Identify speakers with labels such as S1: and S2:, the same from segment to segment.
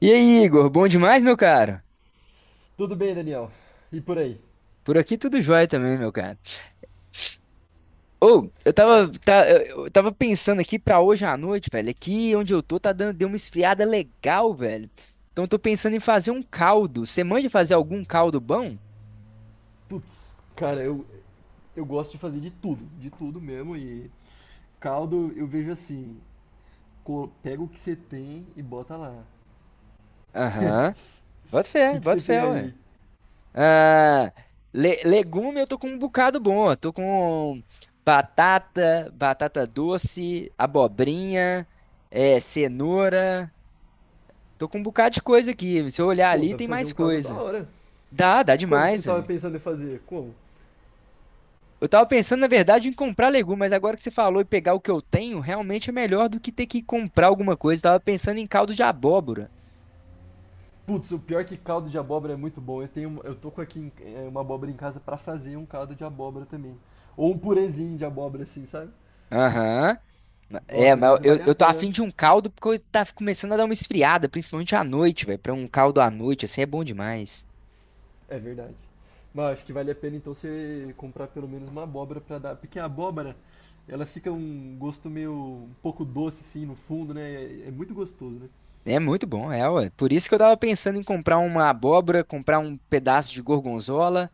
S1: E aí, Igor, bom demais, meu cara?
S2: Tudo bem, Daniel? E por aí?
S1: Por aqui tudo jóia também, meu cara. Ou, eu
S2: Cara,
S1: tava, eu tava pensando aqui pra hoje à noite, velho. Aqui onde eu tô deu uma esfriada legal, velho. Então eu tô pensando em fazer um caldo. Você manja fazer algum caldo bom?
S2: putz, cara, eu gosto de fazer de tudo mesmo. E caldo eu vejo assim: pega o que você tem e bota lá.
S1: Aham.
S2: O que que você
S1: Bota fé,
S2: tem
S1: ué.
S2: aí?
S1: Ah, legume eu tô com um bocado bom. Eu tô com batata, batata doce, abobrinha, é, cenoura. Tô com um bocado de coisa aqui. Se eu olhar
S2: Pô,
S1: ali,
S2: dá
S1: tem
S2: pra fazer
S1: mais
S2: um caldo da
S1: coisa.
S2: hora.
S1: Dá, dá
S2: Como que você
S1: demais,
S2: tava
S1: velho.
S2: pensando em fazer? Como?
S1: Eu tava pensando, na verdade, em comprar legumes, mas agora que você falou e pegar o que eu tenho, realmente é melhor do que ter que comprar alguma coisa. Eu tava pensando em caldo de abóbora.
S2: Putz, o pior é que caldo de abóbora é muito bom. Eu tenho, uma- eu tô com aqui em- é, uma abóbora em casa pra fazer um caldo de abóbora também. Ou um purezinho de abóbora, assim, sabe?
S1: Aham. É,
S2: Nossa, às
S1: mas
S2: vezes
S1: eu,
S2: vale a
S1: eu tô
S2: pena.
S1: afim de um caldo porque eu tá começando a dar uma esfriada, principalmente à noite, velho. Pra um caldo à noite, assim, é bom demais.
S2: É verdade. Mas acho que vale a pena então você comprar pelo menos uma abóbora pra dar, porque ela fica um gosto meio um pouco doce assim no fundo, né? É, é muito gostoso, né?
S1: É muito bom, é, ué. Por isso que eu tava pensando em comprar uma abóbora, comprar um pedaço de gorgonzola.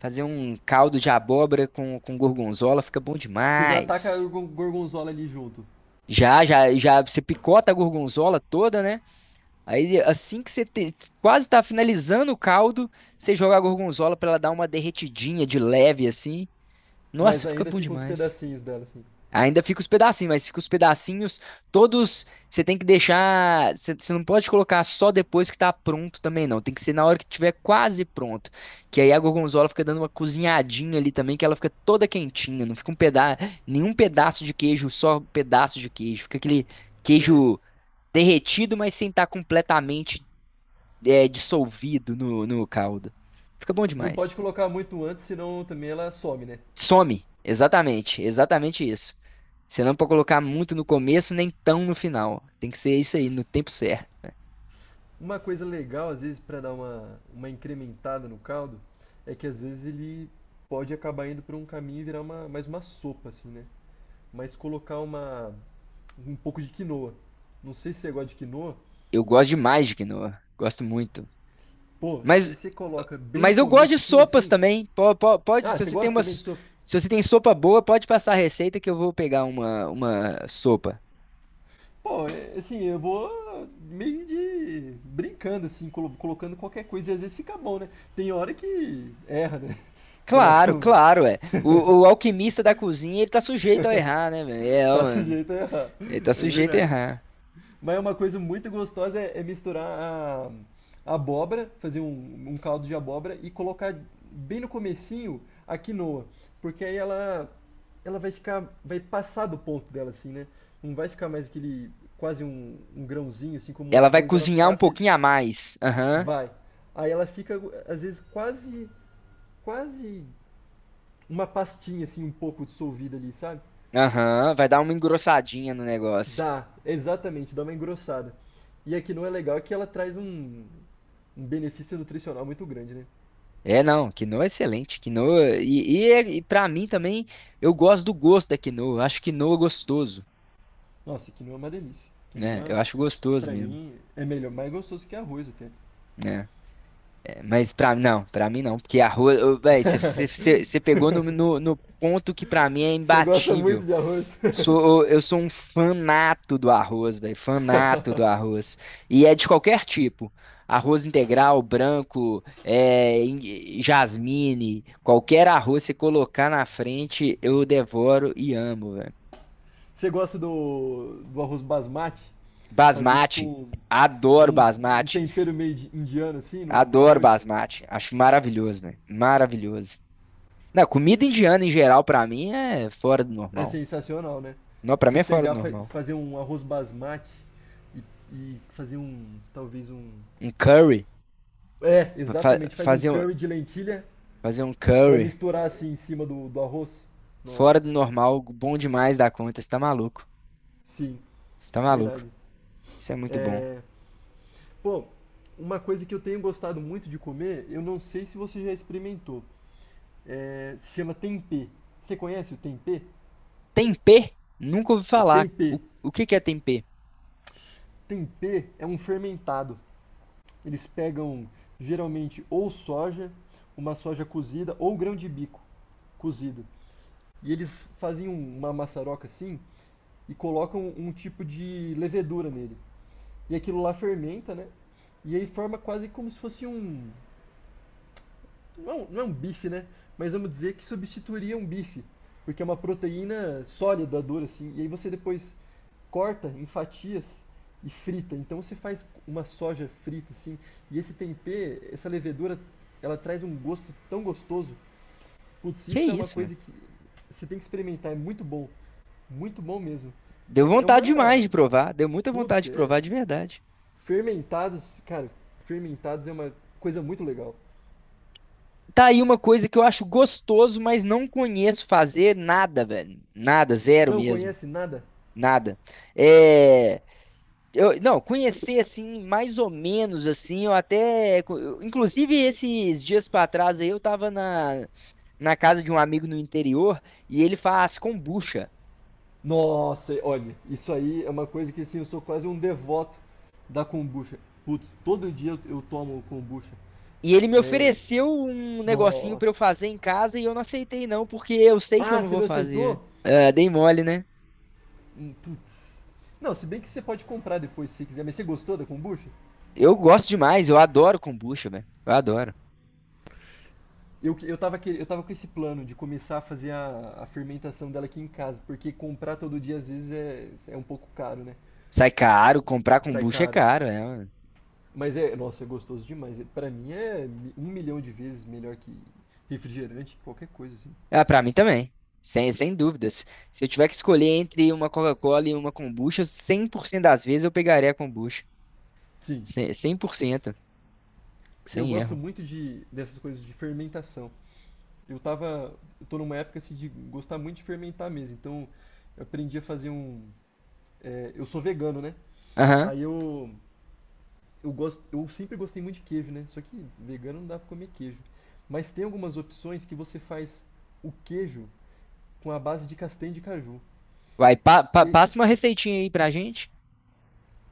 S1: Fazer um caldo de abóbora com gorgonzola fica bom
S2: Você já taca a
S1: demais.
S2: gorgonzola ali junto,
S1: Já, já, já, você picota a gorgonzola toda, né? Aí, quase tá finalizando o caldo, você joga a gorgonzola pra ela dar uma derretidinha de leve, assim. Nossa,
S2: mas
S1: fica
S2: ainda
S1: bom
S2: fica uns
S1: demais.
S2: pedacinhos dela assim.
S1: Ainda fica os pedacinhos, mas fica os pedacinhos todos. Você tem que deixar. Você não pode colocar só depois que tá pronto também, não. Tem que ser na hora que tiver quase pronto. Que aí a gorgonzola fica dando uma cozinhadinha ali também, que ela fica toda quentinha. Não fica um pedaço, nenhum pedaço de queijo, só pedaço de queijo. Fica aquele
S2: Sei.
S1: queijo derretido, mas sem estar completamente é, dissolvido no caldo. Fica bom
S2: Não pode
S1: demais.
S2: colocar muito antes, senão também ela some, né?
S1: Some. Exatamente. Exatamente isso. Você não pode colocar muito no começo, nem tão no final. Tem que ser isso aí, no tempo certo.
S2: Uma coisa legal às vezes para dar uma incrementada no caldo é que às vezes ele pode acabar indo pra um caminho e virar mais uma sopa assim, né? Mas colocar uma um pouco de quinoa. Não sei se você gosta de quinoa.
S1: Eu gosto demais de quinoa. Gosto muito.
S2: Pô, se
S1: Mas,
S2: você coloca bem no
S1: mas eu gosto de
S2: comecinho
S1: sopas
S2: assim.
S1: também. Pode,
S2: Ah,
S1: se
S2: você
S1: você tem
S2: gosta
S1: uma,
S2: também disso.
S1: se você tem sopa boa, pode passar a receita que eu vou pegar uma sopa.
S2: Pô, é, assim, eu vou meio de brincando assim, colocando qualquer coisa e às vezes fica bom, né? Tem hora que erra, né? Coloca
S1: Claro,
S2: um...
S1: claro, é. O alquimista da cozinha, ele tá sujeito a errar, né, velho? É,
S2: Tá
S1: ó,
S2: sujeito a errar.
S1: ele tá
S2: É
S1: sujeito a
S2: verdade.
S1: errar.
S2: Mas é uma coisa muito gostosa é, é misturar a abóbora, fazer um caldo de abóbora e colocar bem no comecinho a quinoa, porque aí ela vai ficar, vai passar do ponto dela assim, né? Não vai ficar mais aquele quase um grãozinho assim como um
S1: Ela vai
S2: arroz, ela
S1: cozinhar um
S2: passa e
S1: pouquinho a mais. Aham.
S2: vai. Aí ela fica às vezes quase uma pastinha assim um pouco dissolvida ali, sabe?
S1: Aham, vai dar uma engrossadinha no negócio.
S2: Dá, exatamente, dá uma engrossada. E a quinoa é legal é que ela traz um benefício nutricional muito grande, né?
S1: É, não, quinoa é excelente. Quinoa. E para mim também, eu gosto do gosto da quinoa. Eu Acho quinoa gostoso,
S2: Nossa, quinoa é uma delícia.
S1: né? Eu
S2: Quinoa,
S1: acho gostoso
S2: pra
S1: mesmo,
S2: mim, é melhor, mais gostoso que arroz até.
S1: né? É, mas pra não, pra mim não. Porque arroz. Ô, Véi, você pegou no, no, no ponto que pra mim é
S2: Você gosta muito
S1: imbatível.
S2: de arroz?
S1: Sou, eu sou um fanato do arroz, velho, fanato do arroz. E é de qualquer tipo. Arroz integral, branco, é, jasmine, qualquer arroz você colocar na frente, eu devoro e amo, velho.
S2: Você gosta do, do arroz basmati? Fazer
S1: Basmati,
S2: tipo
S1: adoro
S2: um, um
S1: basmati,
S2: tempero meio indiano assim no, no
S1: adoro
S2: arroz?
S1: basmati. Acho maravilhoso, velho, maravilhoso. Não, comida indiana em geral pra mim é fora do
S2: É
S1: normal.
S2: sensacional, né?
S1: Não, pra
S2: Se
S1: mim é fora do
S2: pegar,
S1: normal.
S2: fazer um arroz basmati e, e fazer um, talvez um.
S1: Um curry,
S2: É,
S1: fa-
S2: exatamente, faz um
S1: fazer um,
S2: curry de lentilha
S1: fazer um
S2: pra
S1: curry.
S2: misturar assim em cima do, do arroz.
S1: Fora
S2: Nossa,
S1: do
S2: cara.
S1: normal, bom demais da conta. Você tá maluco.
S2: Sim,
S1: Você tá maluco.
S2: verdade.
S1: Isso é muito bom.
S2: É, pô, uma coisa que eu tenho gostado muito de comer, eu não sei se você já experimentou. É, se chama tempê. Você conhece o tempê?
S1: Tempê? Nunca ouvi
S2: É
S1: falar.
S2: tempê.
S1: O que que é tempê?
S2: Tempê é um fermentado. Eles pegam geralmente ou soja, uma soja cozida, ou grão de bico cozido. E eles fazem uma maçaroca assim e colocam um tipo de levedura nele. E aquilo lá fermenta, né? E aí forma quase como se fosse um. Não é um, não é um bife, né? Mas vamos dizer que substituiria um bife. Porque é uma proteína sólida, dura, assim. E aí você depois corta em fatias e frita. Então você faz uma soja frita assim, e esse tempê, essa levedura, ela traz um gosto tão gostoso. Putz,
S1: Que
S2: isso é uma
S1: isso,
S2: coisa
S1: mano?
S2: que você tem que experimentar, é muito bom. Muito bom mesmo.
S1: Deu
S2: É, é
S1: vontade demais
S2: uma.
S1: de provar. Deu muita vontade
S2: Putz,
S1: de
S2: é-
S1: provar de verdade.
S2: Fermentados, cara, fermentados é uma coisa muito legal.
S1: Tá aí uma coisa que eu acho gostoso, mas não conheço fazer nada, velho. Nada, zero
S2: Não
S1: mesmo.
S2: conhece nada?
S1: Nada. É. Eu, não, conhecer assim, mais ou menos assim, eu até. Inclusive, esses dias pra trás aí, eu tava na, na casa de um amigo no interior e ele faz kombucha.
S2: Nossa, olha, isso aí é uma coisa que assim, eu sou quase um devoto da kombucha. Putz, todo dia eu tomo kombucha.
S1: E ele me
S2: É,
S1: ofereceu um negocinho pra eu
S2: nossa.
S1: fazer em casa e eu não aceitei não, porque eu sei que eu
S2: Ah,
S1: não
S2: você
S1: vou
S2: não
S1: fazer.
S2: aceitou?
S1: Ah, dei mole, né?
S2: Putz. Não, se bem que você pode comprar depois se você quiser, mas você gostou da kombucha?
S1: Eu gosto demais, eu adoro kombucha, velho. Eu adoro.
S2: Eu, que- eu tava, quer- eu tava com esse plano de começar a fazer a fermentação dela aqui em casa, porque comprar todo dia às vezes é, é um pouco caro, né?
S1: Sai caro, comprar
S2: Sai
S1: kombucha é
S2: caro.
S1: caro, é. Ué.
S2: Mas é, nossa, é gostoso demais. Pra mim é um milhão de vezes melhor que refrigerante, qualquer coisa assim.
S1: Ah, pra mim também. Sem, sem dúvidas. Se eu tiver que escolher entre uma Coca-Cola e uma kombucha, 100% das vezes eu pegaria a kombucha.
S2: Sim,
S1: 100%,
S2: eu
S1: sem
S2: gosto
S1: erro.
S2: muito de dessas coisas de fermentação. Eu tô numa época assim, de gostar muito de fermentar mesmo, então eu aprendi a fazer eu sou vegano, né?
S1: Aham.
S2: Aí eu gosto, eu sempre gostei muito de queijo, né? Só que vegano não dá pra comer queijo. Mas tem algumas opções que você faz o queijo com a base de castanha de caju.
S1: Vai,
S2: E aí,
S1: passa uma receitinha aí pra gente.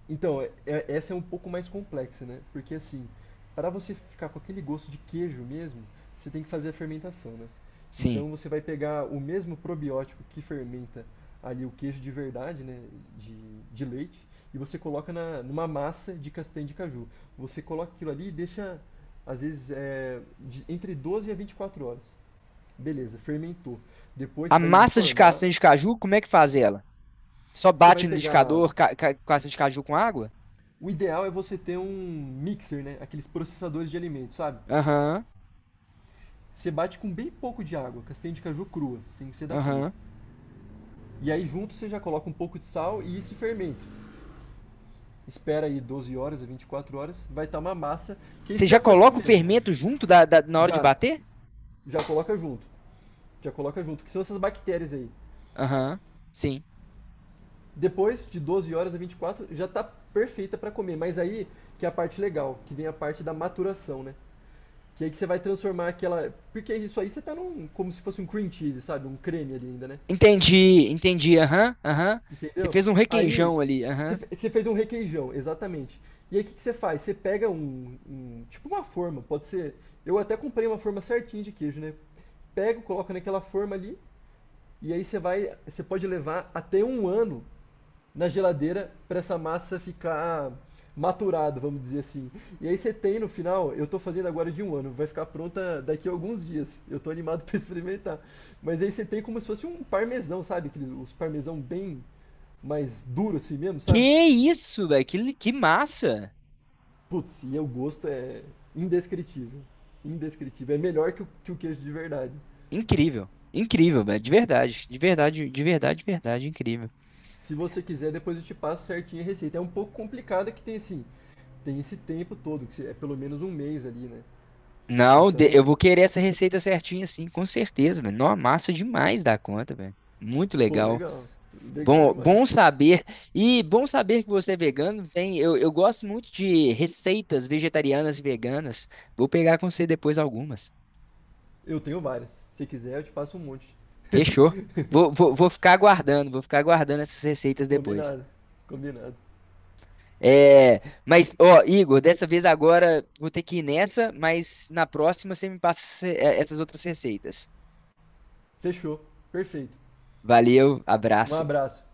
S2: então, essa é um pouco mais complexa, né? Porque assim, para você ficar com aquele gosto de queijo mesmo, você tem que fazer a fermentação, né?
S1: Sim.
S2: Então você vai pegar o mesmo probiótico que fermenta ali o queijo de verdade, né? De, de leite, e você coloca numa massa de castanha de caju. Você coloca aquilo ali e deixa, às vezes, entre 12 a 24 horas. Beleza, fermentou. Depois
S1: A
S2: você vai
S1: massa de
S2: informar.
S1: castanha de caju, como é que faz ela? Só
S2: Você vai
S1: bate no
S2: pegar.
S1: liquidificador castanha de caju com água?
S2: O ideal é você ter um mixer, né? Aqueles processadores de alimentos, sabe?
S1: Aham,
S2: Você bate com bem pouco de água, castanha de caju crua, tem que ser da crua.
S1: aham.
S2: E aí junto você já coloca um pouco de sal e esse fermento. Espera aí 12 horas a 24 horas, vai estar uma massa que aí
S1: Você
S2: você já
S1: já
S2: pode
S1: coloca o
S2: comer.
S1: fermento junto da, na hora de
S2: Já,
S1: bater?
S2: já coloca junto. Já coloca junto, que são essas bactérias aí.
S1: Aham, sim.
S2: Depois de 12 horas a 24 já tá perfeita para comer, mas aí que é a parte legal, que vem a parte da maturação, né? Que aí que você vai transformar aquela. Porque isso aí você tá num. Como se fosse um cream cheese, sabe? Um creme ali ainda, né?
S1: Entendi, entendi, aham, aham. Você
S2: Entendeu?
S1: fez um
S2: Aí.
S1: requeijão ali, aham.
S2: Você fez um requeijão, exatamente. E aí o que que você faz? Você pega tipo uma forma, pode ser. Eu até comprei uma forma certinha de queijo, né? Pega, coloca naquela forma ali. E aí você vai. Você pode levar até um ano na geladeira para essa massa ficar maturada, vamos dizer assim. E aí você tem no final, eu tô fazendo agora de um ano, vai ficar pronta daqui a alguns dias. Eu tô animado para experimentar. Mas aí você tem como se fosse um parmesão, sabe? Aqueles, os parmesão bem mais duro assim mesmo, sabe?
S1: Que isso, velho, que, que massa!
S2: Putz, e o gosto é indescritível. Indescritível. É melhor que que o queijo de verdade.
S1: Incrível, incrível, velho, de verdade, de verdade, de verdade, de verdade, incrível.
S2: Se você quiser, depois eu te passo certinho a receita. É um pouco complicada que tem assim, tem esse tempo todo, que é pelo menos um mês ali, né?
S1: Não, eu
S2: Então,
S1: vou querer essa receita certinha, sim, com certeza, velho. Nossa, massa demais da conta, velho. Muito
S2: pô,
S1: legal.
S2: legal. Legal
S1: Bom,
S2: demais.
S1: bom saber. E bom saber que você é vegano. Tem, eu gosto muito de receitas vegetarianas e veganas. Vou pegar com você depois algumas.
S2: Eu tenho várias. Se quiser, eu te passo um monte.
S1: Fechou. Vou ficar aguardando, vou ficar aguardando essas receitas depois.
S2: Combinado. Combinado.
S1: É, mas, ó, Igor, dessa vez agora vou ter que ir nessa, mas na próxima você me passa essas outras receitas.
S2: Fechou. Perfeito.
S1: Valeu,
S2: Um
S1: abraço.
S2: abraço.